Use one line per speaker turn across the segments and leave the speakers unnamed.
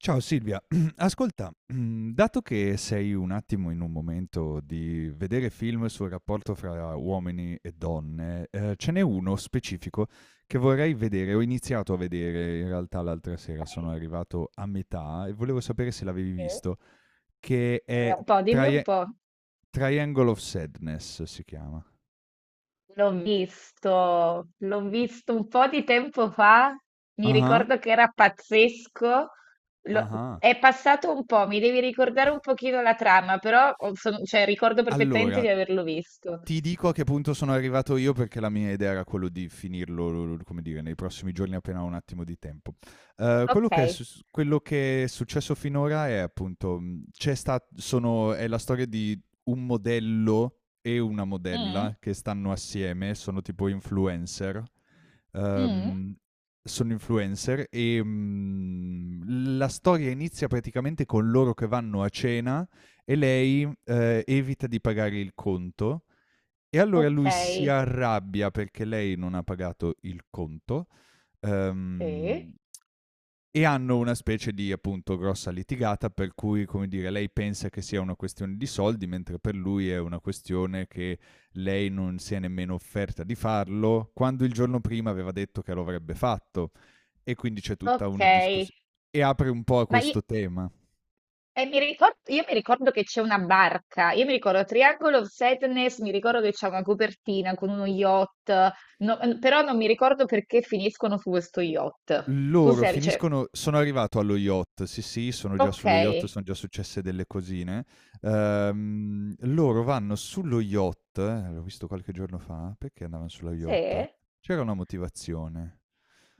Ciao Silvia, ascolta, dato che sei un attimo in un momento di vedere film sul rapporto fra uomini e donne, ce n'è uno specifico che vorrei vedere. Ho iniziato a vedere in realtà l'altra sera, sono arrivato a metà e volevo sapere se l'avevi
Eh,
visto, che
Dimmi
è
un po', dimmi un
Trie
po'.
Triangle of Sadness, si chiama.
L'ho
Mh.
visto un po' di tempo fa, mi
Ah-ah,
ricordo che era pazzesco. Lo-
ah-ah.
È passato un po', mi devi ricordare un pochino la trama, cioè, ricordo perfettamente
Allora,
di averlo visto.
ti dico a che punto sono arrivato io, perché la mia idea era quello di finirlo, come dire, nei prossimi giorni, appena ho un attimo di tempo. Quello
Ok.
che è sus quello che è successo finora è, appunto, mhmm, c'è sta sono è la storia di un modello e una
Mm,
modella che stanno assieme, sono tipo influencer.
mm,
Ehm, sono influencer e, la storia inizia praticamente con loro che vanno a cena e lei, evita di pagare il conto, e allora
ok.
lui si arrabbia perché lei non ha pagato il conto,
Sì.
ehm, e hanno una specie di, appunto, grossa litigata, per cui, come dire, lei pensa che sia una questione di soldi, mentre per lui è una questione che lei non si è nemmeno offerta di farlo, quando il giorno prima aveva detto che lo avrebbe fatto. E quindi c'è tutta
Ok.
una discussio e apre un po' a
Ma io,
questo tema.
E io mi ricordo che c'è una barca, io mi ricordo Triangle of Sadness, mi ricordo che c'è una copertina con uno yacht, però non mi ricordo perché finiscono su questo yacht.
Loro finiscono Sono arrivato allo yacht, sì, sì, sono già sullo yacht,
Ok,
son già successe delle cosine. Loro vanno sullo yacht, l'ho visto qualche giorno fa, perché andavan sullo yacht?
sì,
C'era una motivazione.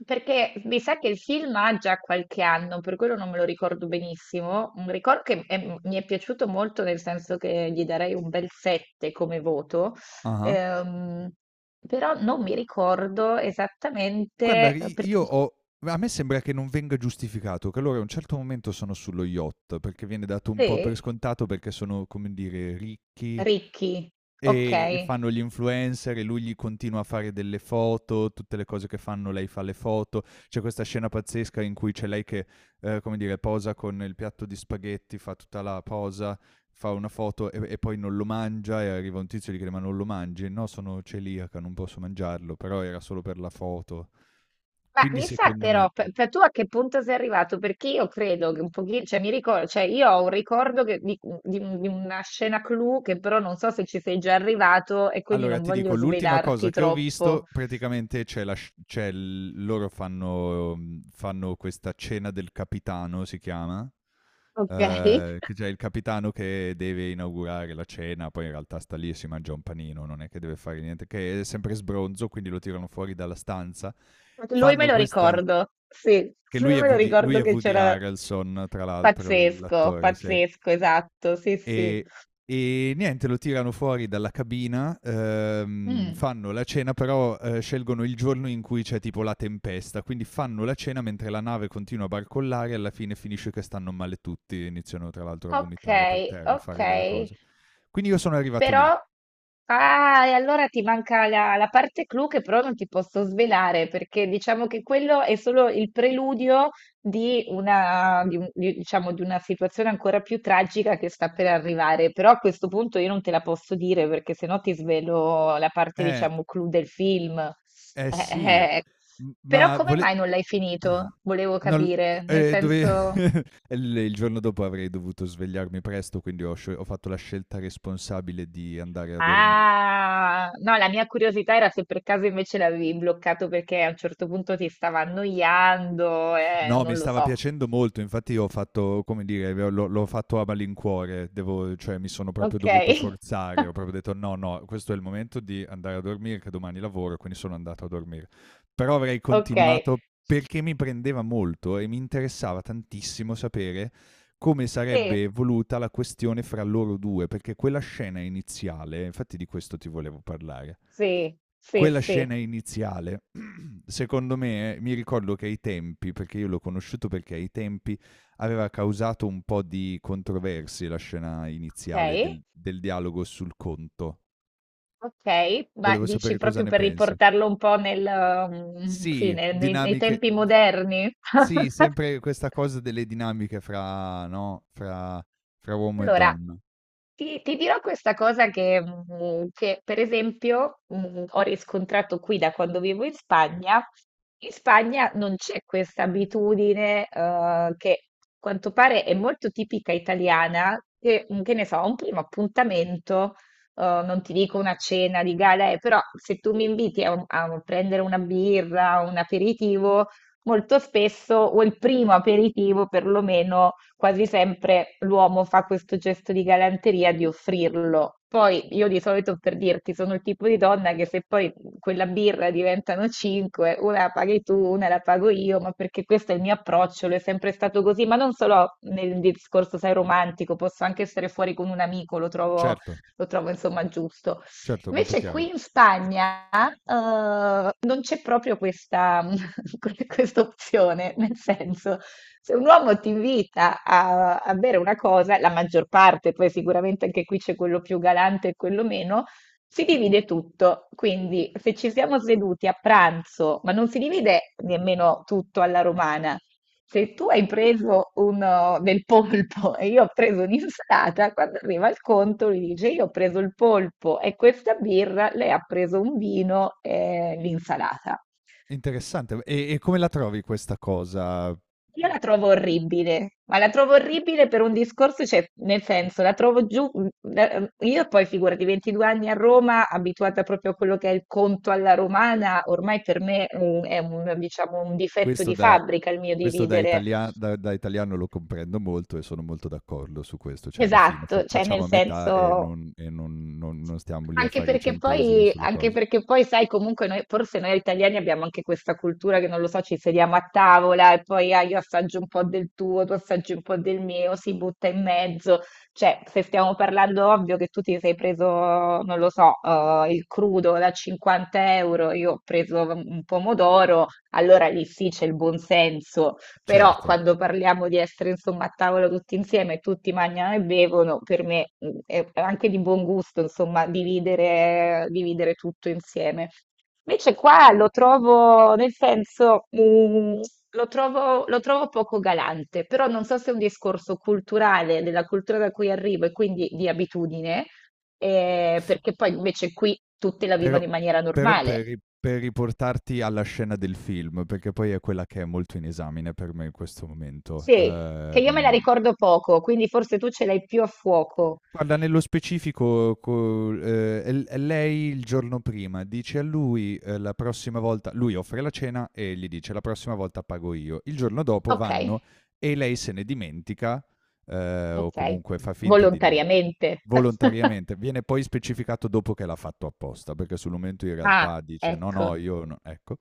perché mi sa che il film ha già qualche anno, per quello non me lo ricordo benissimo. Un ricordo che è- mi è piaciuto molto, nel senso che gli darei un bel 7 come voto.
Ah-ah.
Ehm, però non mi ricordo
Guarda,
esattamente
i io ho a me sembra che non venga giustificato, che loro a un certo momento sono sullo yacht, perché viene dato un po' per
Sì?
scontato, perché sono, come dire, ricchi.
Ricchi,
E
okay.
fanno gli influencer, e lui gli continua a fare delle foto, tutte le cose che fanno lei fa le foto. C'è questa scena pazzesca in cui c'è lei che, come dire, posa con il piatto di spaghetti, fa tutta la posa, fa una foto e poi non lo mangia, e arriva un tizio e gli chiede: "Ma non lo mangi?" "No, sono celiaca, non posso mangiarlo", però era solo per la foto.
Ma
Quindi,
mi sa
secondo
però,
me.
pe pe tu a che punto sei arrivato? Perché io credo che un pochi cioè mi ricor cioè io ho un ricordo che di di un di una scena clou che però non so se ci sei già arrivato e quindi
Allora,
non
ti dico,
voglio
l'ultima
svelarti
cosa che ho visto
troppo.
praticamente, c'è la sc c'è l loro fanno mhmm, fanno questa cena del capitano, si chiama,
Okay.
che c'è il capitano che deve inaugurare la cena, poi in realtà sta lì e si mangia un panino, non è che deve fare niente, che è sempre sbronzo, quindi lo tirano fuori dalla stanza.
Lui me
Fanno
lo
questa
ricordo, sì,
che
sì me lo
Lui
ricordo
è
che
Woody
c'era
Harrelson, tra l'altro,
pazzesco,
l'attore, sì.
pazzesco, esatto, sì, sì.
E e niente, lo tirano fuori dalla cabina,
Mh.
fanno la cena, però scelgono il giorno in cui c'è tipo la tempesta, quindi fanno la cena mentre la nave continua a barcollare, e alla fine finisce che stanno male tutti, iniziano tra l'altro a vomitare per
Okay,
terra, a fare delle
okay.
cose. Quindi io sono arrivato
Però,
lì.
ah, e allora ti manca la parte clou che però non ti posso svelare, perché diciamo che quello è solo il preludio di una, di un- di- diciamo, di una situazione ancora più tragica che sta per arrivare. Però a questo punto io non te la posso dire, perché sennò ti svelo la parte,
Eh,
diciamo, clou del film.
eh sì,
Eh, eh. Però
ma
come
vole...
mai non l'hai finito? Volevo
non-
capire, nel
dove...
senso...
il giorno dopo avrei dovuto svegliarmi presto, quindi ho fatto la scelta responsabile di andare a dormire.
Ah, no, la mia curiosità era se per caso invece l'avevi bloccato perché a un certo punto ti stava annoiando,
No, mi
non lo
stava
so.
piacendo molto, infatti ho fatto, come dire, l'ho fatto a malincuore, devo cioè mi sono proprio
Ok,
dovuto forzare, ho proprio detto: "No, no, questo è il momento di andare a dormire che domani lavoro", quindi sono andato a dormire. Però avrei
ok,
continuato perché mi prendeva molto e mi interessava tantissimo sapere come
sì,
sarebbe evoluta la questione fra loro due, perché quella scena iniziale, infatti, di questo ti volevo parlare.
sì, sì,
Quella
sì,
scena iniziale Secondo me, mi ricordo che ai tempi, perché io l'ho conosciuto, perché ai tempi aveva causato un po' di controversie la scena
ok,
iniziale del dialogo sul conto.
ok, ma
Volevo
dici
sapere cosa
proprio
ne
per
pensi.
riportarlo un po' mm, sì,
Sì,
nei
dinamiche
tempi
d
moderni?
sì, sempre questa cosa delle dinamiche fra no, fra uomo e
Allora,
donna.
ti dirò questa cosa che, mm, che, per esempio, mm, ho riscontrato qui da quando vivo in Spagna. In Spagna non c'è questa abitudine, che a quanto pare è molto tipica italiana, che, mm, che ne so, un primo appuntamento, non ti dico una cena di gala, però se tu mi inviti a prendere una birra, un aperitivo, molto spesso, o il primo aperitivo perlomeno, quasi sempre l'uomo fa questo gesto di galanteria di offrirlo. Poi io di solito per dirti sono il tipo di donna che se poi quella birra diventano cinque, una la paghi tu, una la pago io, ma perché questo è il mio approccio, lo è sempre stato così, ma non solo nel discorso, sai, romantico, posso anche essere fuori con un amico,
Certo,
lo trovo insomma giusto.
certo, molto
Invece
chiaro.
qui in Spagna non c'è proprio questa, questa opzione, nel senso, se un uomo ti invita a bere una cosa, la maggior parte, poi sicuramente anche qui c'è quello più galante e quello meno, si divide tutto, quindi se ci siamo seduti a pranzo, ma non si divide nemmeno tutto alla romana, se tu hai preso un, del polpo e io ho preso un'insalata, quando arriva il conto lui dice io ho preso il polpo e questa birra, lei ha preso un vino e l'insalata.
Interessante. E come la trovi questa cosa?
Io la trovo orribile, ma la trovo orribile per un discorso, cioè nel senso, la trovo giù, mm, la- mm, io poi figurati 22 anni a Roma, abituata proprio a quello che è il conto alla romana, ormai per me mm, è un, diciamo, un difetto
Questo
di
da
fabbrica il mio
Questo da
dividere.
italia da da italiano lo comprendo molto, e sono molto d'accordo su questo, cioè alla fine fa
Esatto, cioè nel
facciamo a metà, e
senso,
non e non non non stiamo lì a fare i centesimi sulle
Anche
cose.
perché poi, sai, comunque noi, forse noi italiani abbiamo anche questa cultura che non lo so, ci sediamo a tavola e poi ah, io assaggio un po' del tuo, tu assaggi un po' del mio, si butta in mezzo. Cioè, se stiamo parlando, ovvio che tu ti sei preso, non lo so, il crudo da 50 euro, io ho preso un pomodoro, allora lì sì c'è il buon senso. Però
Certo,
quando parliamo di essere insomma a tavola tutti insieme, tutti mangiano e bevono, per me è anche di buon gusto insomma dividere, dividere tutto insieme. Invece qua lo trovo, nel senso, lo trovo poco galante, però non so se è un discorso culturale, della cultura da cui arrivo e quindi di abitudine, perché poi invece qui tutti la
però
vivono in maniera
però
normale.
per ri per riportarti alla scena del film, perché poi è quella che è molto in esame per me in questo momento,
Sì, che io me la
ehm.
ricordo poco, quindi forse tu ce l'hai più a fuoco.
Guarda, nello specifico, co è lei il giorno prima, dice a lui, la prossima volta lui offre la cena e gli dice: "La prossima volta pago io". Il giorno dopo vanno,
Okay,
e lei se ne dimentica, o
okay.
comunque fa finta di dimen
Volontariamente.
Volontariamente, viene poi specificato dopo che l'ha fatto apposta, perché sul momento in
Ah,
realtà dice: "No, no,
ecco.
io no", ecco.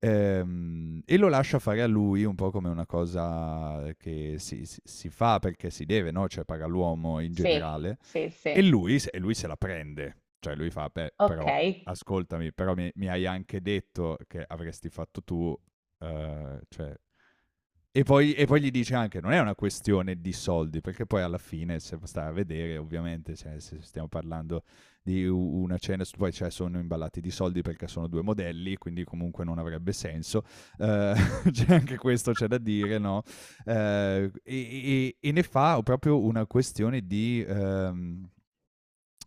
E lo lascia fare a lui un po' come una cosa che si fa perché si deve, no, cioè paga l'uomo, in
Sì,
generale,
sì,
e
sì.
lui se e lui se la prende. Cioè lui fa: "Beh, però
Okay.
ascoltami, però mi hai anche detto che avresti fatto tu", cioè, e poi gli dice anche, non è una questione di soldi, perché poi alla fine, se stai a vedere, ovviamente, cioè, se stiamo parlando di una cena, poi cioè, sono imballati di soldi perché sono due modelli, quindi comunque non avrebbe senso. Eh, c'è anche questo, c'è da dire, no? Eh, e, e ne fa proprio una questione di... ehm,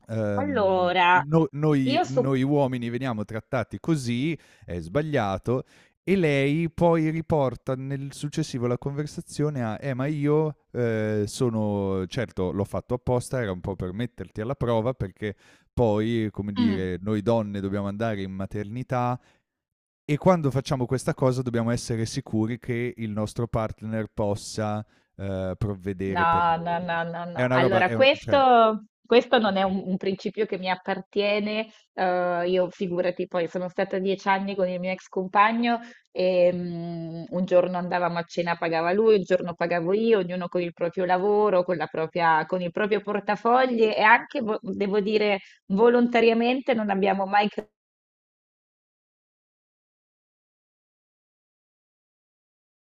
ehm,
Allora,
no,
i
noi
io su
noi uomini veniamo trattati così, è sbagliato, e lei poi riporta nel successivo la conversazione a: ma io, sono certo l'ho fatto apposta, era un po' per metterti alla prova, perché poi, come
Mh.
dire, noi donne dobbiamo andare in maternità, e quando facciamo questa cosa dobbiamo essere sicuri che il nostro partner possa, provvedere per
No, no,
noi".
no, no,
È
no.
una roba
Allora,
è un cioè
questo non è
Okay,
un principio che mi appartiene. Eh, io figurati, poi sono stata 10 anni con il mio ex compagno e mm, un giorno andavamo a cena, pagava lui, un giorno pagavo io, ognuno con il proprio lavoro, con il proprio portafogli e anche, devo dire, volontariamente non abbiamo mai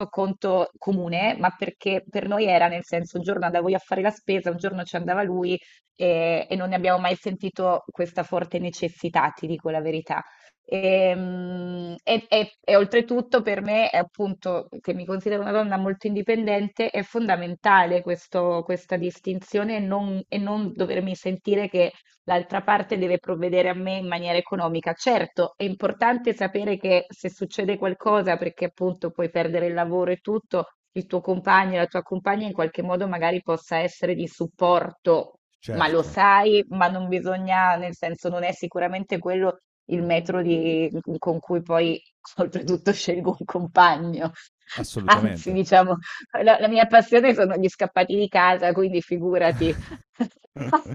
conto comune, ma perché per noi era nel senso un giorno andavo io a fare la spesa, un giorno ci andava lui e non ne abbiamo mai sentito questa forte necessità, ti dico la verità. E oltretutto per me, è appunto, che mi considero una donna molto indipendente, è fondamentale questa distinzione e non dovermi sentire che l'altra parte deve provvedere a me in maniera economica. Certo, è importante sapere che se succede qualcosa, perché appunto puoi perdere il lavoro e tutto, il tuo compagno, la tua compagna in qualche modo magari possa essere di supporto, ma lo
certo.
sai, ma non bisogna, nel senso non è sicuramente quello il metro di- con cui poi oltretutto scelgo un compagno. Anzi,
Assolutamente.
diciamo, la mia passione sono gli scappati di casa, quindi figurati.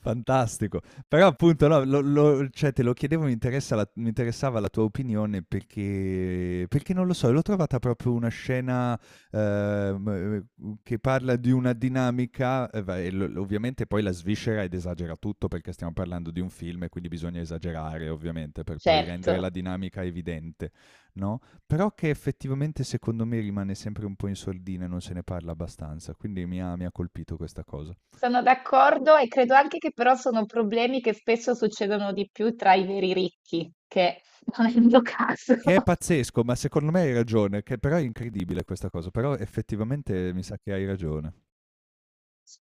Fantastico. Però, appunto, no, lo lo cioè te lo chiedevo, mi interessava la tua opinione, perché non lo so, l'ho trovata proprio una scena, che parla di una dinamica, e va e l ovviamente poi la sviscera ed esagera tutto, perché stiamo parlando di un film e quindi bisogna esagerare, ovviamente, per poi rendere la
Certo.
dinamica evidente, no, però che effettivamente, secondo me, rimane sempre un po' in sordina e non se ne parla abbastanza, quindi mi ha colpito questa cosa.
Sono d'accordo e credo anche che però sono problemi che spesso succedono di più tra i veri ricchi, che non è il mio caso.
Che è pazzesco, ma secondo me hai ragione, che però è incredibile questa cosa, però effettivamente mi sa che hai ragione.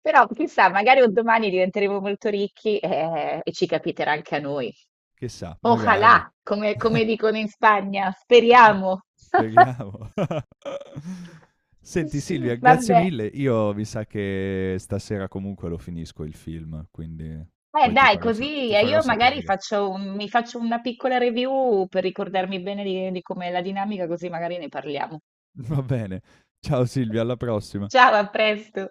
Però chissà, magari un domani diventeremo molto ricchi e, ci capiterà anche a noi.
Chissà, magari.
Ojalá, come dicono in Spagna, speriamo.
Speriamo. Senti Silvia,
Sì.
grazie
Vabbè,
mille. Io mi sa che stasera comunque lo finisco il film, quindi poi ti
dai,
farò sa
così
ti farò
io magari
sapere.
mi faccio una piccola review per ricordarmi bene di com'è la dinamica, così magari ne parliamo.
Va bene. Ciao Silvia, alla prossima.
Ciao, a presto.